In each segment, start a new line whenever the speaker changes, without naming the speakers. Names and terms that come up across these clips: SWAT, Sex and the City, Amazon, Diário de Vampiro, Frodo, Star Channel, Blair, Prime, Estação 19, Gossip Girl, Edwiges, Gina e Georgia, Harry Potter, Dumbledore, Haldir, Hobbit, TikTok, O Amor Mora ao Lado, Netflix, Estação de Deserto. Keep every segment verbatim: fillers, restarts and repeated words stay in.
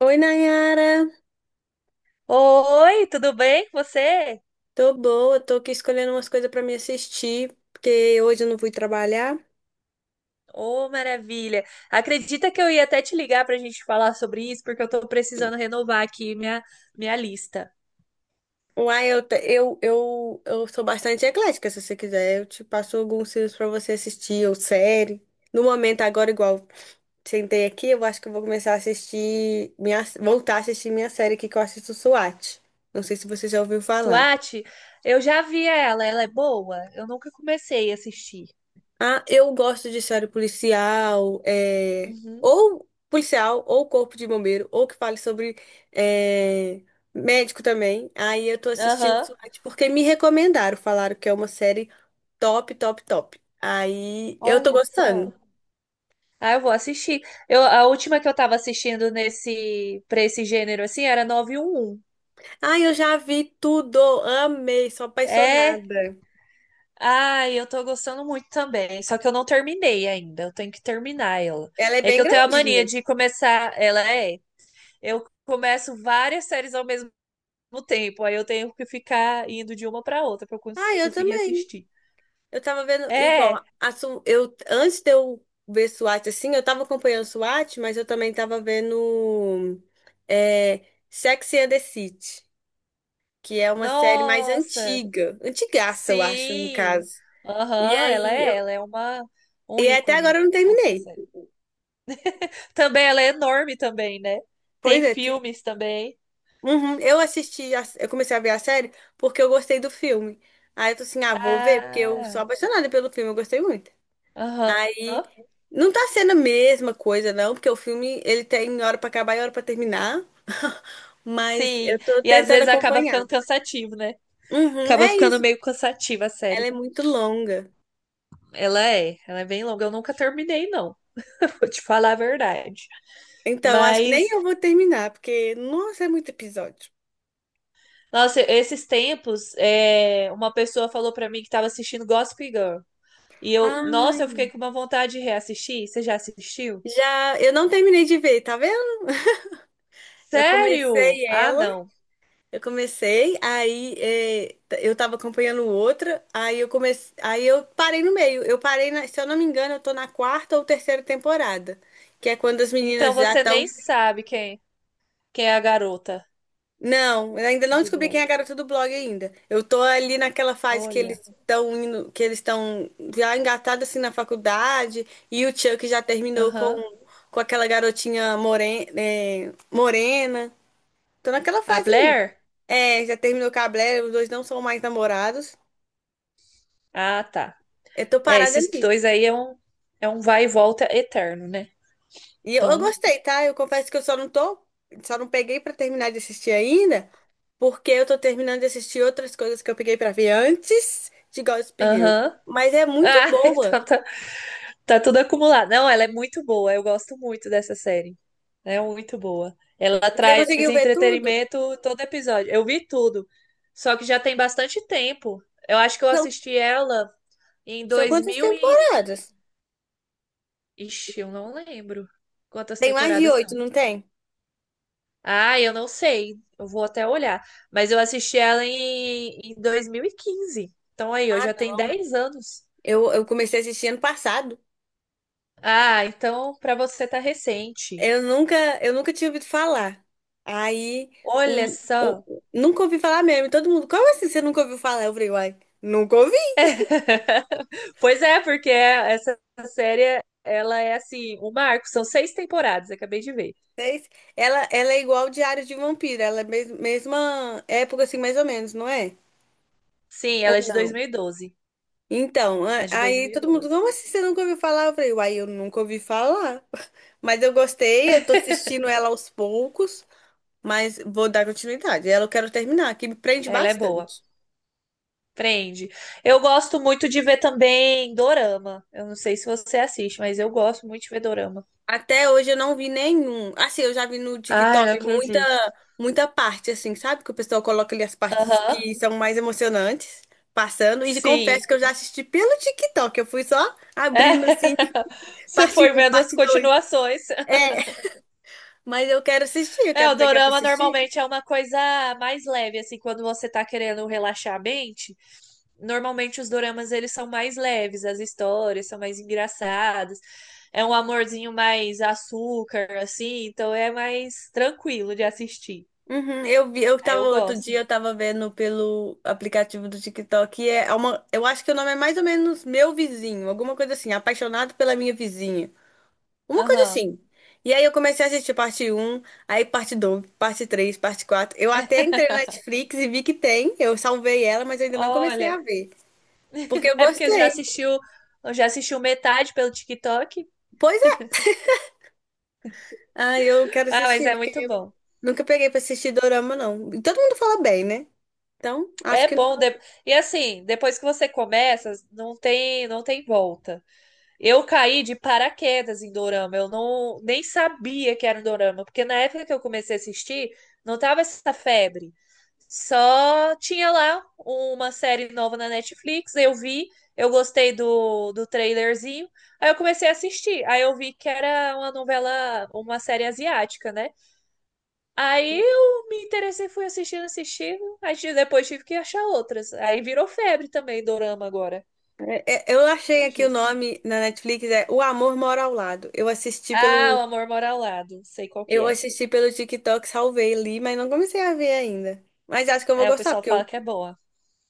Oi, Nayara.
Oi, tudo bem com você?
Tô boa, tô aqui escolhendo umas coisas pra me assistir, porque hoje eu não fui trabalhar.
Ô, maravilha! Acredita que eu ia até te ligar para a gente falar sobre isso, porque eu tô precisando renovar aqui minha, minha lista.
Uai, eu, te- eu, eu, eu sou bastante eclética, se você quiser. Eu te passo alguns filmes pra você assistir, ou série. No momento, agora, igual sentei aqui, eu acho que eu vou começar a assistir, minha, voltar a assistir minha série aqui que eu assisto SWAT. Não sei se você já ouviu falar.
SWAT, eu já vi ela, ela é boa? Eu nunca comecei a assistir.
Ah, eu gosto de série policial, é,
Uhum.
ou policial, ou corpo de bombeiro, ou que fale sobre é, médico também. Aí eu tô assistindo
Aham.
SWAT porque me recomendaram, falaram que é uma série top, top, top. Aí eu tô
Olha só.
gostando.
Ah, eu vou assistir. Eu, a última que eu tava assistindo nesse, para esse gênero assim era nove um um.
Ah, eu já vi tudo, amei, sou
É,
apaixonada.
ah, eu tô gostando muito também, só que eu não terminei ainda, eu tenho que terminar ela.
Ela é
É que
bem
eu tenho a mania
grandinha.
de começar, ela é, eu começo várias séries ao mesmo tempo, aí eu tenho que ficar indo de uma pra outra pra eu
Ah,
cons-
eu
conseguir
também.
assistir.
Eu tava vendo,
É,
igual, a Su- eu, antes de eu ver SWAT, assim, eu tava acompanhando SWAT, mas eu também tava vendo é, Sex and the City, que é uma série mais
nossa,
antiga, antigaça, eu acho, no
sim.
caso. E
Aham, ela
aí, eu,
é, ela é uma um
e até agora
ícone
eu não
essa
terminei.
série. Também ela é enorme também, né? Tem
Pois é. te-
filmes também.
Uhum, eu assisti, a- eu comecei a ver a série porque eu gostei do filme. Aí eu tô assim, ah, vou ver, porque eu sou
Ah,
apaixonada pelo filme, eu gostei muito.
aham.
Aí não tá sendo a mesma coisa, não, porque o filme ele tem hora pra acabar e hora pra terminar. Mas
Sim,
eu tô
e às
tentando
vezes acaba
acompanhar.
ficando cansativo, né?
Uhum,
Acaba
é
ficando
isso.
meio cansativa a série.
Ela é muito longa.
Ela é, ela é bem longa. Eu nunca terminei, não. Vou te falar a verdade.
Então, acho que nem
Mas,
eu vou terminar, porque, nossa, é muito episódio.
nossa, esses tempos, é, uma pessoa falou pra mim que tava assistindo Gossip Girl. E eu, nossa, eu
Ai,
fiquei com uma vontade de reassistir. Você já assistiu?
já eu não terminei de ver, tá vendo? Eu
Sério?
comecei
Ah,
ela.
não.
Eu comecei, aí eh, t- eu tava acompanhando outra, aí eu comecei, aí eu parei no meio. Eu parei na, se eu não me engano, eu tô na quarta ou terceira temporada, que é quando as
Então
meninas já
você
estão.
nem sabe quem, quem é a garota
Não, eu ainda não
do
descobri quem
blog.
é a garota do blog ainda. Eu tô ali naquela fase que eles
Olha.
estão indo, que eles estão já engatados assim na faculdade, e o Chuck já terminou com,
Aham.
com aquela garotinha morena, morena. Tô naquela
A
fase ali.
Blair?
É, já terminou com a Blair, os dois não são mais namorados.
Ah, tá.
Eu tô
É,
parada
esses
ali.
dois aí é um, é um vai e volta eterno, né?
E eu, eu
Então,
gostei, tá? Eu confesso que eu só não tô, só não peguei pra terminar de assistir ainda, porque eu tô terminando de assistir outras coisas que eu peguei pra ver antes de Gossip Girl.
aham.
Mas é muito
Ah,
boa.
então tá, tá tudo acumulado. Não, ela é muito boa, eu gosto muito dessa série. É muito boa. Ela
Você
traz
conseguiu ver tudo?
entretenimento todo episódio. Eu vi tudo. Só que já tem bastante tempo. Eu acho que eu
São,
assisti ela em
são
dois
quantas
mil e...
temporadas?
Ixi, eu não lembro quantas
Tem mais de
temporadas
oito,
são.
não tem?
Ah, eu não sei. Eu vou até olhar. Mas eu assisti ela em, em dois mil e quinze. Então aí, eu
Ah,
já tenho
não.
dez anos.
Eu, eu comecei a assistir ano passado.
Ah, então pra você tá recente.
Eu nunca, eu nunca tinha ouvido falar. Aí,
Olha
um, um-
só.
nunca ouvi falar mesmo. E todo mundo, como assim você nunca ouviu falar? Eu falei, uai, nunca ouvi.
Pois é, porque essa série, ela é assim, um marco. São seis temporadas, acabei de ver.
Seis. Ela, ela é igual o Diário de Vampiro, ela é mes- mesma época, assim, mais ou menos, não é?
Sim,
Ou
ela é de
não?
dois mil e doze.
Então,
Ela
a-
é de dois
aí
mil e
todo mundo,
doze.
como assim você nunca ouviu falar? Eu falei, uai, eu nunca ouvi falar. Mas eu gostei, eu tô assistindo ela aos poucos, mas vou dar continuidade. Ela eu quero terminar, que me prende
Ela é boa.
bastante.
Prende. Eu gosto muito de ver também dorama. Eu não sei se você assiste, mas eu gosto muito de ver dorama.
Até hoje eu não vi nenhum. Assim, eu já vi no
Ai, não
TikTok muita,
acredito.
muita parte, assim, sabe? Que o pessoal coloca ali as partes
Aham,
que são mais emocionantes, passando. E confesso
sim.
que eu já assisti pelo TikTok. Eu fui só
É.
abrindo, assim,
Você
parte
foi
um,
vendo as
parte dois.
continuações.
É, mas eu quero assistir, eu
É,
quero
o
pegar pra
dorama
assistir.
normalmente é uma coisa mais leve, assim, quando você tá querendo relaxar a mente. Normalmente os doramas eles são mais leves, as histórias são mais engraçadas. É um amorzinho mais açúcar, assim, então é mais tranquilo de assistir.
Uhum, eu vi, eu
Aí
tava
eu
outro
gosto.
dia, eu tava vendo pelo aplicativo do TikTok. E é uma, eu acho que o nome é mais ou menos Meu Vizinho, alguma coisa assim, Apaixonado pela Minha Vizinha. Uma coisa
Aham.
assim. E aí eu comecei a assistir parte um, aí parte dois, parte três, parte quatro. Eu até entrei na Netflix e vi que tem. Eu salvei ela, mas eu ainda não comecei a
Olha,
ver. Porque eu
é porque já
gostei.
assistiu, já assistiu metade pelo TikTok?
Pois é. Ah, eu quero
Ah, mas
assistir,
é
porque
muito
eu
bom.
nunca peguei pra assistir dorama, não. E todo mundo fala bem, né? Então, acho
É
que
bom.
não.
de- E assim, depois que você começa, não tem, não tem volta. Eu caí de paraquedas em dorama. Eu não nem sabia que era um dorama, porque na época que eu comecei a assistir, não tava essa febre. Só tinha lá uma série nova na Netflix, eu vi, eu gostei do, do trailerzinho, aí eu comecei a assistir. Aí eu vi que era uma novela, uma série asiática, né? Aí eu me interessei, fui assistindo, assistindo. Aí ti- depois tive que achar outras. Aí virou febre também, dorama agora.
é- é- Eu achei
Depois
aqui o
disso.
nome na Netflix, é O Amor Mora ao Lado. Eu assisti
Ah, O
pelo.
Amor Mora ao Lado. Sei qual que
Eu
é.
assisti pelo TikTok, salvei ali, mas não comecei a ver ainda. Mas acho que eu vou
Aí o
gostar,
pessoal
porque
fala
eu
que é boa.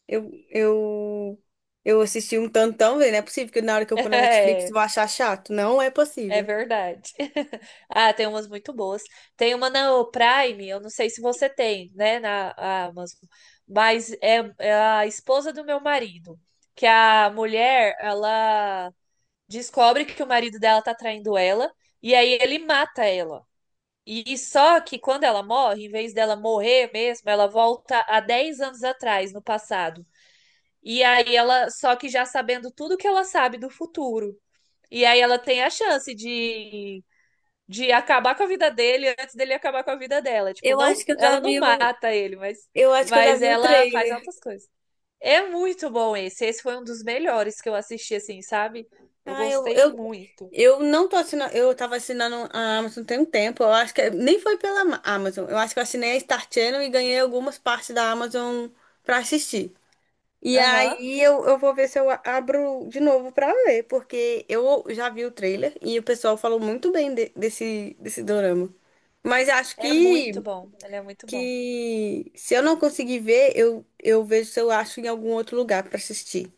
Eu, eu, eu assisti um tantão, velho. Não é possível que na hora que eu pôr na Netflix eu
É,
vou achar chato. Não é
é
possível.
verdade. Ah, tem umas muito boas. Tem uma na Prime, eu não sei se você tem, né, na Amazon. Mas é, é a esposa do meu marido. Que a mulher, ela descobre que o marido dela tá traindo ela. E aí ele mata ela. E só que quando ela morre, em vez dela morrer mesmo, ela volta a dez anos atrás, no passado. E aí ela, só que já sabendo tudo que ela sabe do futuro. E aí ela tem a chance de, de acabar com a vida dele antes dele acabar com a vida dela. Tipo,
Eu
não,
acho que eu já
ela não
vi o,
mata ele, mas,
eu acho que eu já
mas
vi o
ela faz
trailer.
outras coisas. É muito bom esse. Esse foi um dos melhores que eu assisti, assim, sabe? Eu
Ah, eu,
gostei
eu,
muito.
eu não tô assinando. Eu tava assinando a Amazon tem um tempo. Eu acho que é, nem foi pela Ma- Amazon. Eu acho que eu assinei a Star Channel e ganhei algumas partes da Amazon pra assistir. E
Aham.
aí eu, eu vou ver se eu a- abro de novo pra ver, porque eu já vi o trailer e o pessoal falou muito bem de- desse, desse dorama. Mas acho
É muito
que,
bom. Ele é muito bom.
que se eu não conseguir ver, eu, eu vejo se eu acho em algum outro lugar pra assistir.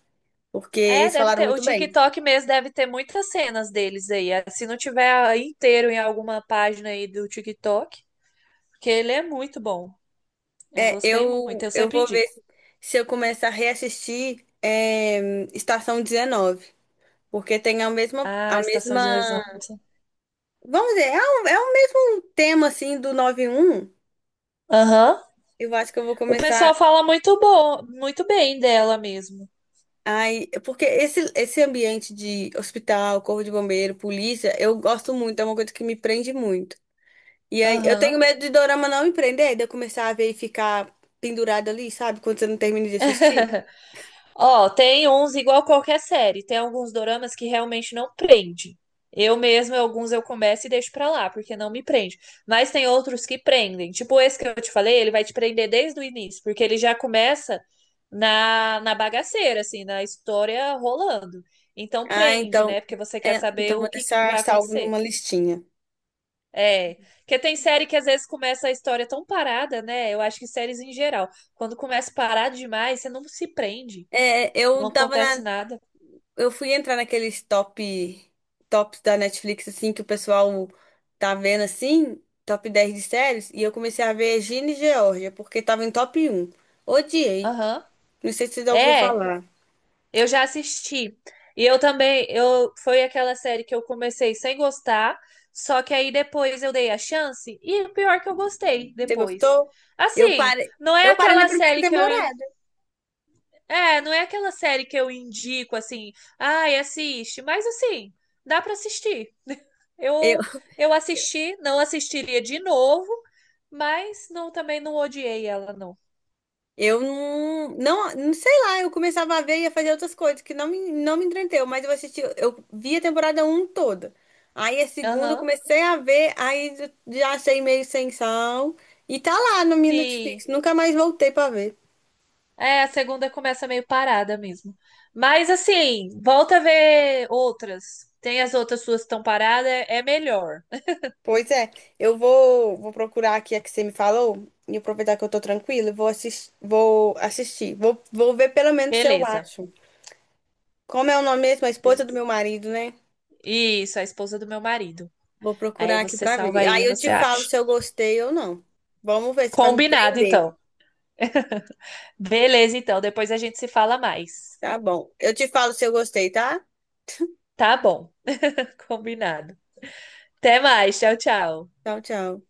Porque
É,
eles
deve
falaram
ter. O
muito bem.
TikTok mesmo deve ter muitas cenas deles aí. Ah, se não tiver ah, inteiro em alguma página aí do TikTok, porque ele é muito bom. Eu
É,
gostei muito,
eu,
eu
eu
sempre
vou ver
indico.
se se eu começar a reassistir é, Estação dezenove. Porque tem a mesma,
Ah,
a
Estação de
mesma.
Deserto.
Vamos dizer, é o, é o mesmo tema assim do nove um.
Aham.
Eu acho que eu vou
O pessoal
começar.
fala muito bom, muito bem dela mesmo.
Ai, porque esse, esse ambiente de hospital, corpo de bombeiro, polícia, eu gosto muito, é uma coisa que me prende muito. E aí, eu tenho
Aham.
medo de dorama não me prender, de eu começar a ver e ficar pendurada ali, sabe? Quando você não termina de assistir.
Ó, tem uns igual qualquer série. Tem alguns doramas que realmente não prende. Eu mesma, alguns eu começo e deixo pra lá, porque não me prende. Mas tem outros que prendem. Tipo esse que eu te falei, ele vai te prender desde o início, porque ele já começa na, na bagaceira, assim, na história rolando. Então
Ah,
prende,
então.
né? Porque você quer
É, então
saber o
vou
que
deixar
vai
salvo
acontecer.
numa listinha.
É, porque tem série que às vezes começa a história tão parada, né? Eu acho que séries em geral, quando começa parado demais, você não se prende,
É,
não
eu tava
acontece
na,
nada.
eu fui entrar naqueles top tops da Netflix assim que o pessoal tá vendo assim, top dez de séries, e eu comecei a ver Gina e Georgia porque tava em top um. Odiei.
Aham.
Não sei se você já ouviu
É,
falar.
eu já assisti. E eu também, eu foi aquela série que eu comecei sem gostar, só que aí depois eu dei a chance e o pior que eu gostei
Você
depois.
gostou? Eu
Assim,
parei,
não é
eu parei na
aquela
primeira
série que eu, in-
temporada.
é, não é aquela série que eu indico assim, ai, assiste, mas assim, dá pra assistir.
Eu
Eu eu assisti, não assistiria de novo, mas não também não odiei ela não.
Eu não, não, não sei lá, eu começava a ver e ia fazer outras coisas que não me, não me entreteu, mas eu assisti, eu vi a temporada um toda. Aí a segunda eu
Aham.
comecei a ver, aí eu já achei meio sem sal e tá lá no meu
Sim.
Netflix, nunca mais voltei pra ver.
É, a segunda começa meio parada mesmo. Mas assim, volta a ver outras. Tem as outras suas que estão paradas, é é melhor.
Pois é, eu vou, vou procurar aqui a que você me falou e aproveitar que eu tô tranquila, e vou assistir, vou assistir, vou, vou ver pelo menos se eu
Beleza,
acho. Como é o nome mesmo? A esposa do
beleza.
meu marido, né?
Isso, a esposa do meu marido.
Vou
Aí
procurar aqui
você
pra
salva
ver.
aí,
Aí eu
você
te falo
acha.
se eu gostei ou não. Vamos ver se vai me
Combinado,
prender.
então. Beleza, então. Depois a gente se fala mais.
Tá bom. Eu te falo se eu gostei, tá?
Tá bom. Combinado. Até mais. Tchau, tchau.
Tchau, tchau.